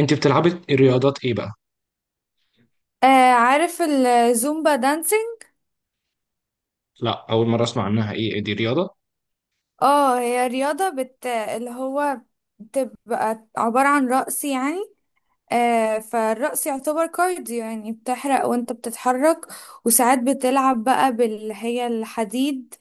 انت بتلعبي الرياضات ايه بقى؟ آه، عارف الزومبا دانسينج. لا، اول مره اسمع عنها. ايه دي رياضه؟ اه، هي رياضة اللي هو بتبقى عبارة عن رقص يعني. آه، فالرقص يعتبر كارديو يعني بتحرق وانت بتتحرك. وساعات بتلعب بقى باللي هي الحديد،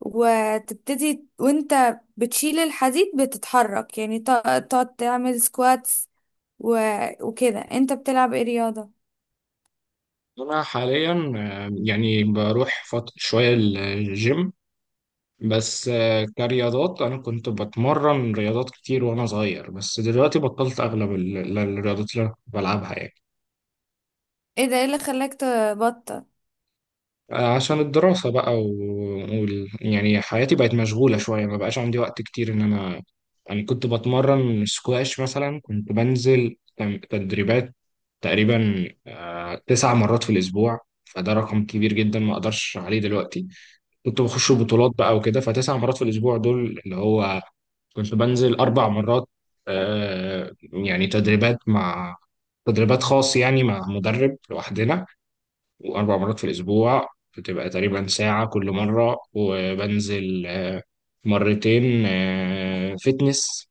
وتبتدي وانت بتشيل الحديد بتتحرك يعني تقعد تعمل سكواتس و... وكده انت بتلعب ايه رياضة؟ انا حاليا بروح شويه الجيم. بس كرياضات انا كنت بتمرن رياضات كتير وانا صغير، بس دلوقتي بطلت اغلب الرياضات اللي أنا بلعبها يعني. ايه اللي خلاك تبطل؟ عشان الدراسة بقى يعني حياتي بقت مشغولة شوية، ما بقاش عندي وقت كتير إن أنا يعني كنت بتمرن سكواش مثلا. كنت بنزل تدريبات تقريبا تسع مرات في الأسبوع. فده رقم كبير جدا، ما أقدرش عليه دلوقتي. كنت بخش مم. بطولات بقى وكده. فتسع مرات في الأسبوع دول اللي هو كنت بنزل أربع مرات يعني تدريبات خاص يعني مع مدرب لوحدنا. وأربع مرات في الأسبوع بتبقى تقريبا ساعة كل مرة، وبنزل مرتين فتنس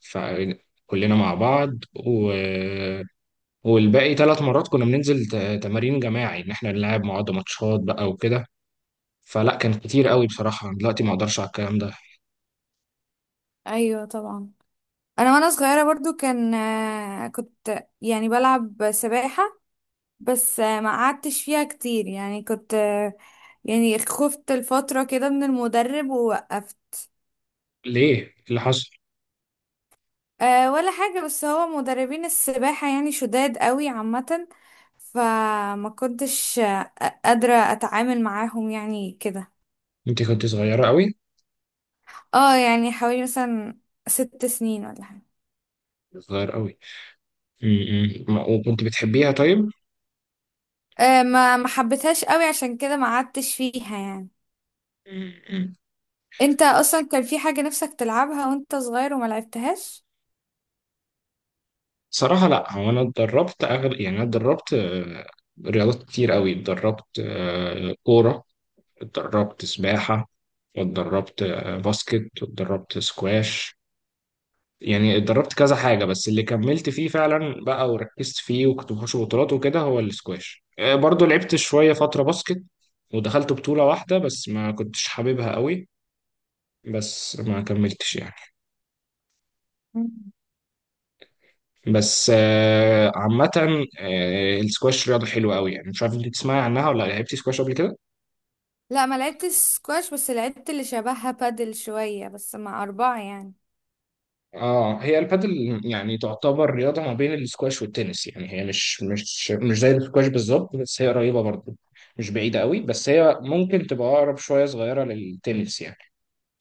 فكلنا مع بعض، و... آه، والباقي ثلاث مرات كنا بننزل تمارين جماعي إن إحنا نلعب مع بعض ماتشات بقى وكده. فلا كان كتير قوي بصراحة، دلوقتي ما أقدرش على الكلام ده. ايوه طبعا. انا وانا صغيره برضو كان كنت يعني بلعب سباحه. بس ما قعدتش فيها كتير يعني كنت آه، يعني خفت الفتره كده من المدرب ووقفت. ليه؟ إيه اللي حصل؟ أه، ولا حاجه. بس هو مدربين السباحه يعني شداد قوي عامه، فما كنتش قادره اتعامل معاهم يعني كده. أنت كنت صغيرة قوي؟ اه، يعني حوالي مثلا 6 سنين ولا حاجه. صغير قوي. م- م. وكنت بتحبيها طيب؟ أه، ما حبيتهاش قوي عشان كده ما قعدتش فيها يعني. م- م. انت اصلا كان في حاجة نفسك تلعبها وانت صغير وما لعبتهاش؟ صراحة لا، هو انا اتدربت يعني انا اتدربت رياضات كتير قوي. اتدربت كورة، اتدربت سباحة، واتدربت باسكت، واتدربت سكواش. يعني اتدربت كذا حاجة، بس اللي كملت فيه فعلا بقى وركزت فيه وكنت بخش بطولات وكده هو السكواش. برضو لعبت شوية فترة باسكت، ودخلت بطولة واحدة بس ما كنتش حاببها قوي، بس ما كملتش يعني. مم. بس عامة السكواش رياضة حلوة قوي يعني. مش عارف انت تسمعي عنها، ولا لعبتي سكواش قبل كده؟ لا، ما لعبتش سكواش، بس لعبت اللي شبهها بادل شوية بس مع أربعة يعني. اه، هي البادل يعني تعتبر رياضة ما بين السكواش والتنس يعني. هي مش زي السكواش بالظبط، بس هي قريبة برضه، مش بعيدة قوي. بس هي ممكن تبقى أقرب شوية صغيرة للتنس يعني،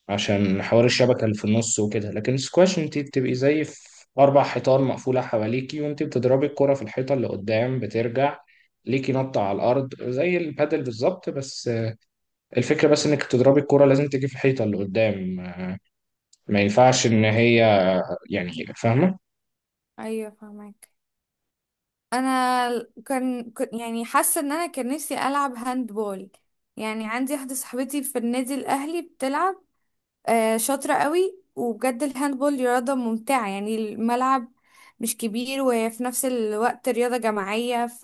عشان حوار الشبكة اللي في النص وكده. لكن السكواش انت بتبقي زي في أربع حيطان مقفولة حواليكي، وانت بتضربي الكرة في الحيطة اللي قدام، بترجع ليكي نط على الأرض زي البادل بالظبط. بس الفكرة بس انك تضربي الكرة لازم تيجي في الحيطة اللي قدام، ما ينفعش ان هي يعني. هي فاهمة. أيوة، فهمك. كنت يعني حاسة إن أنا كان نفسي ألعب هاند بول. يعني عندي واحدة صاحبتي في النادي الأهلي بتلعب، آه، شاطرة قوي. وبجد الهاند بول دي رياضة ممتعة، يعني الملعب مش كبير وهي في نفس الوقت رياضة جماعية، ف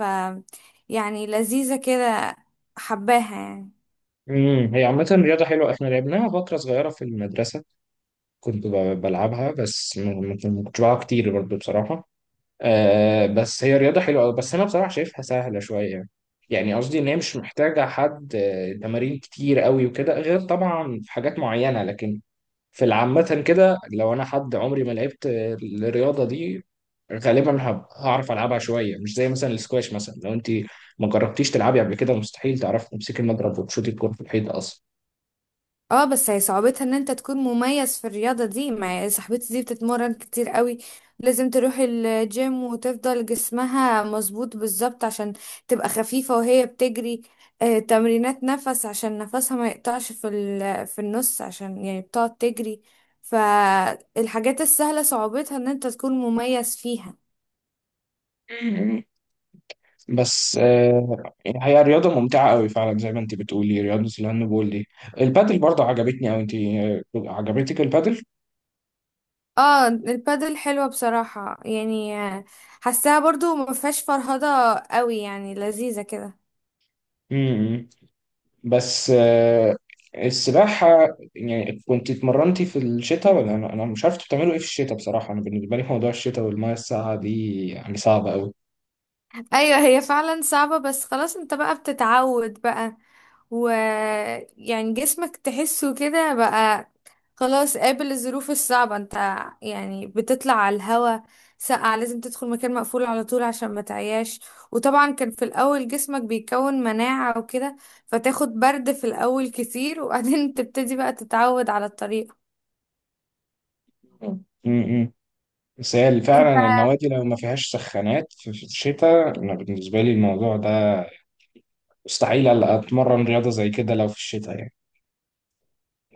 يعني لذيذة كده. حباها يعني. امم، هي عامة رياضة حلوة. احنا لعبناها فترة صغيرة في المدرسة، كنت بلعبها، بس ما كنتش بلعبها كتير برضه بصراحة. آه، بس هي رياضة حلوة أوي، بس انا بصراحة شايفها سهلة شوية يعني. يعني قصدي ان هي مش محتاجة حد تمارين كتير قوي وكده، غير طبعا في حاجات معينة. لكن في العامة كده، لو أنا حد عمري ما لعبت الرياضة دي، غالبا هعرف ألعبها شوية. مش زي مثلا السكواش، مثلا لو أنت ما جربتيش تلعبي قبل كده، مستحيل تعرفي تمسكي المضرب وتشوطي الكورة في الحيط أصلا. اه، بس هي صعوبتها ان انت تكون مميز في الرياضة دي. مع صاحبتي دي بتتمرن كتير قوي، لازم تروح الجيم وتفضل جسمها مظبوط بالظبط عشان تبقى خفيفة وهي بتجري. آه، تمرينات نفس عشان نفسها ما يقطعش في في النص، عشان يعني بتقعد تجري. فالحاجات السهلة صعوبتها ان انت تكون مميز فيها. مم. بس هي رياضة ممتعة قوي فعلا زي ما أنت بتقولي، رياضة الهاندبول دي. البادل برضه عجبتني أوي. أنت عجبتك البادل؟ اه، البادل حلوة بصراحة يعني. حاساها برضو ما فيهاش فرهضة قوي يعني لذيذة كده. مم. بس السباحة يعني كنت اتمرنتي في الشتاء، ولا أنا مش عارف انتوا بتعملوا إيه في الشتاء؟ بصراحة أنا بالنسبة لي موضوع الشتاء والمية الساقعة دي يعني صعبة أوي. ايوه، هي فعلا صعبة، بس خلاص انت بقى بتتعود بقى، و يعني جسمك تحسه كده بقى. خلاص، قابل الظروف الصعبة انت. يعني بتطلع على الهوا ساقعة، لازم تدخل مكان مقفول على طول عشان ما تعياش. وطبعا كان في الاول جسمك بيكون مناعة وكده، فتاخد برد في الاول كتير، وبعدين تبتدي بقى تتعود على الطريقة. امم. بس هي انت فعلا النوادي لو ما فيهاش سخانات في الشتاء، أنا بالنسبة لي الموضوع ده مستحيل ألا أتمرن رياضة زي كده لو في الشتاء يعني.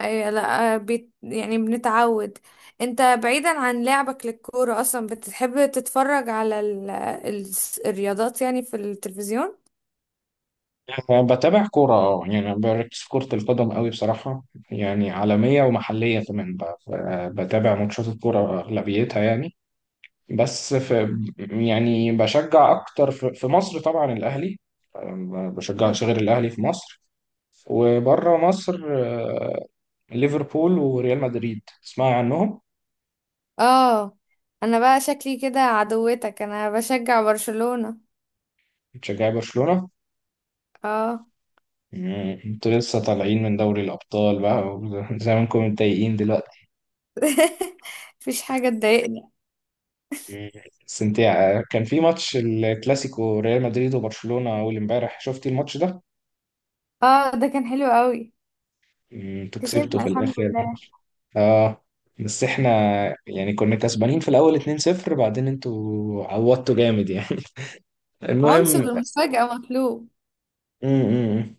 اي لا بيت يعني بنتعود. انت بعيدا عن لعبك للكورة اصلا بتحب تتفرج على الرياضات يعني في التلفزيون؟ أنا بتابع كورة، أه يعني أنا بركز في كرة القدم أوي بصراحة. يعني عالمية ومحلية كمان، بتابع ماتشات الكورة أغلبيتها يعني. بس في يعني بشجع اكتر في مصر طبعا الاهلي، ما بشجعش غير الاهلي في مصر. وبره مصر ليفربول وريال مدريد، تسمع عنهم؟ اه. انا بقى شكلي كده عدوتك، انا بشجع برشلونة. بتشجعي برشلونة. اه. مم، انتوا لسه طالعين من دوري الابطال بقى زي ما انكم متضايقين دلوقتي. مفيش حاجة تضايقني. مم. بس انت كان في ماتش الكلاسيكو ريال مدريد وبرشلونة اول امبارح، شفتي الماتش ده؟ اه، ده كان حلو قوي. مم، انتوا كسبتوا كسبنا في الحمد الاخر. لله. اه، بس احنا يعني كنا كسبانين في الاول 2-0، بعدين انتوا عوضتوا جامد يعني. عنصر المهم. المفاجأة مطلوب. امم.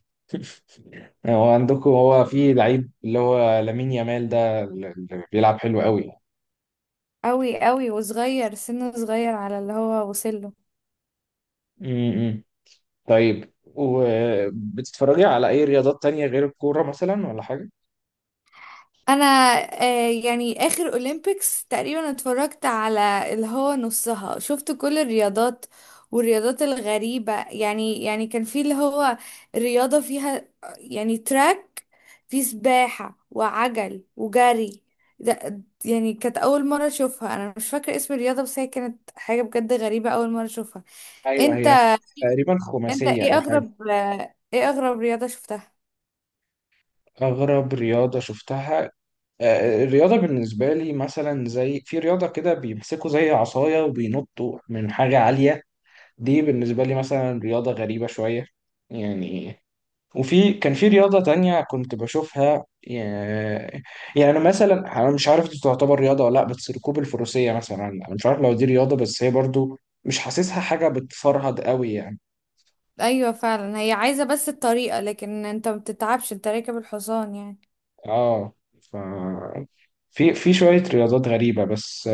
هو عندكم هو في لعيب اللي هو لامين يامال ده، اللي بيلعب حلو قوي. قوي قوي، وصغير، سنه صغير على اللي هو وصله. امم. طيب، وبتتفرجي على اي رياضات تانية غير الكورة مثلا، ولا حاجة؟ انا يعني اخر اولمبيكس تقريبا اتفرجت على اللي هو نصها، شفت كل الرياضات والرياضات الغريبة يعني. كان في اللي هو رياضة فيها يعني تراك، في سباحة وعجل وجري. ده يعني كانت اول مرة اشوفها، انا مش فاكرة اسم الرياضة بس هي كانت حاجة بجد غريبة اول مرة اشوفها. ايوه، انت هي تقريبا انت خماسية ايه او حاجة. اغرب ايه اغرب رياضة شفتها؟ اغرب رياضة شفتها الرياضة بالنسبة لي، مثلا زي في رياضة كده بيمسكوا زي عصاية وبينطوا من حاجة عالية، دي بالنسبة لي مثلا رياضة غريبة شوية يعني. وفي كان في رياضة تانية كنت بشوفها يعني، يعني مثلا أنا مش عارف دي تعتبر رياضة ولا لأ، بس ركوب الفروسية مثلا، أنا مش عارف لو دي رياضة، بس هي برضو مش حاسسها حاجة بتفرهد قوي يعني. ايوه فعلا. هي عايزه بس الطريقه، لكن انت ما بتتعبش انت راكب الحصان يعني. اه ف في شوية رياضات غريبة. بس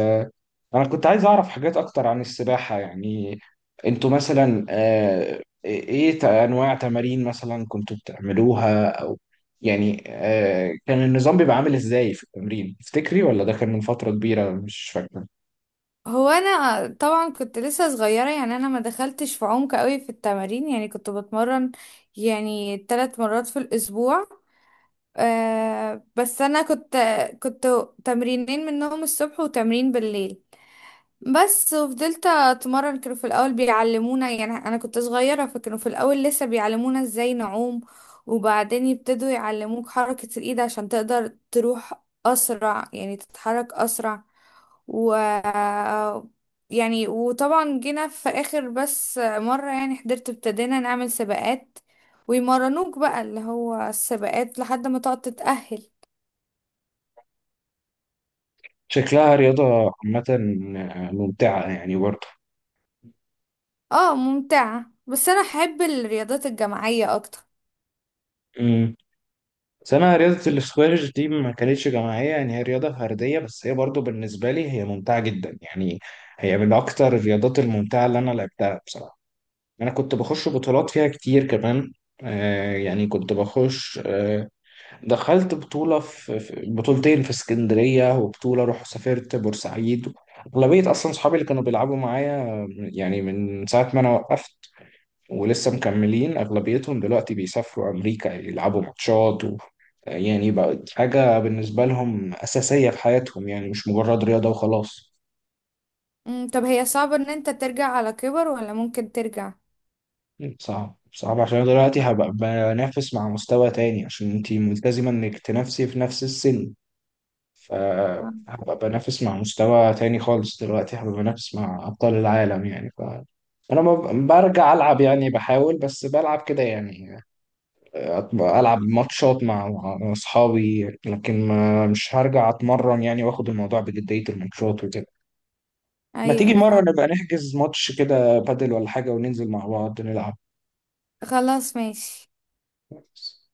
أنا كنت عايز أعرف حاجات أكتر عن السباحة يعني. أنتوا مثلا أنواع تمارين مثلا كنتوا بتعملوها، أو يعني كان النظام بيبقى عامل إزاي في التمرين تفتكري، ولا ده كان من فترة كبيرة مش فاكرة؟ هو انا طبعا كنت لسه صغيره يعني انا ما دخلتش في عمق قوي في التمارين، يعني كنت بتمرن يعني 3 مرات في الاسبوع. آه، بس انا كنت تمرينين منهم الصبح وتمرين بالليل بس. وفضلت اتمرن. كانوا في الاول بيعلمونا يعني، انا كنت صغيره فكانوا في الاول لسه بيعلمونا ازاي نعوم، وبعدين يبتدوا يعلموك حركه الايد عشان تقدر تروح اسرع، يعني تتحرك اسرع و يعني. وطبعا جينا في اخر بس مره يعني حضرت ابتدينا نعمل سباقات، ويمرنوك بقى اللي هو السباقات لحد ما تقعد تتأهل. شكلها رياضة عامة ممتعة يعني برضه. اه، ممتعه، بس انا احب الرياضات الجماعيه اكتر. امم. بس أنا رياضة الاسكواش دي ما كانتش جماعية، يعني هي رياضة فردية، بس هي برضه بالنسبة لي هي ممتعة جدا يعني. هي من أكتر الرياضات الممتعة اللي أنا لعبتها بصراحة. انا كنت بخش بطولات فيها كتير كمان. آه يعني كنت بخش آه، دخلت بطولة بطولتين في اسكندرية، وبطولة رحت سافرت بورسعيد. أغلبية أصلا صحابي اللي كانوا بيلعبوا معايا يعني من ساعة ما أنا وقفت ولسه مكملين أغلبيتهم، دلوقتي بيسافروا أمريكا يلعبوا ماتشات، و آه، يعني بقت حاجة بالنسبة لهم أساسية في حياتهم، يعني مش مجرد رياضة وخلاص. مم، طب هي صعبة ان انت ترجع على كبر ولا ممكن ترجع؟ صعب، صعب، عشان أنا دلوقتي هبقى بنافس مع مستوى تاني، عشان انتي ملتزمة انك تنافسي في نفس السن. آه. فهبقى بنافس مع مستوى تاني خالص دلوقتي، هبقى بنافس مع أبطال العالم يعني. ف أنا برجع ألعب يعني، بحاول بس بلعب كده يعني، ألعب ماتشات مع أصحابي، لكن ما مش هرجع أتمرن يعني وآخد الموضوع بجدية، الماتشات وكده. ما تيجي ايوه مرة فعلا. نبقى نحجز ماتش كده بادل ولا حاجة، وننزل مع بعض خلاص، ماشي. نلعب.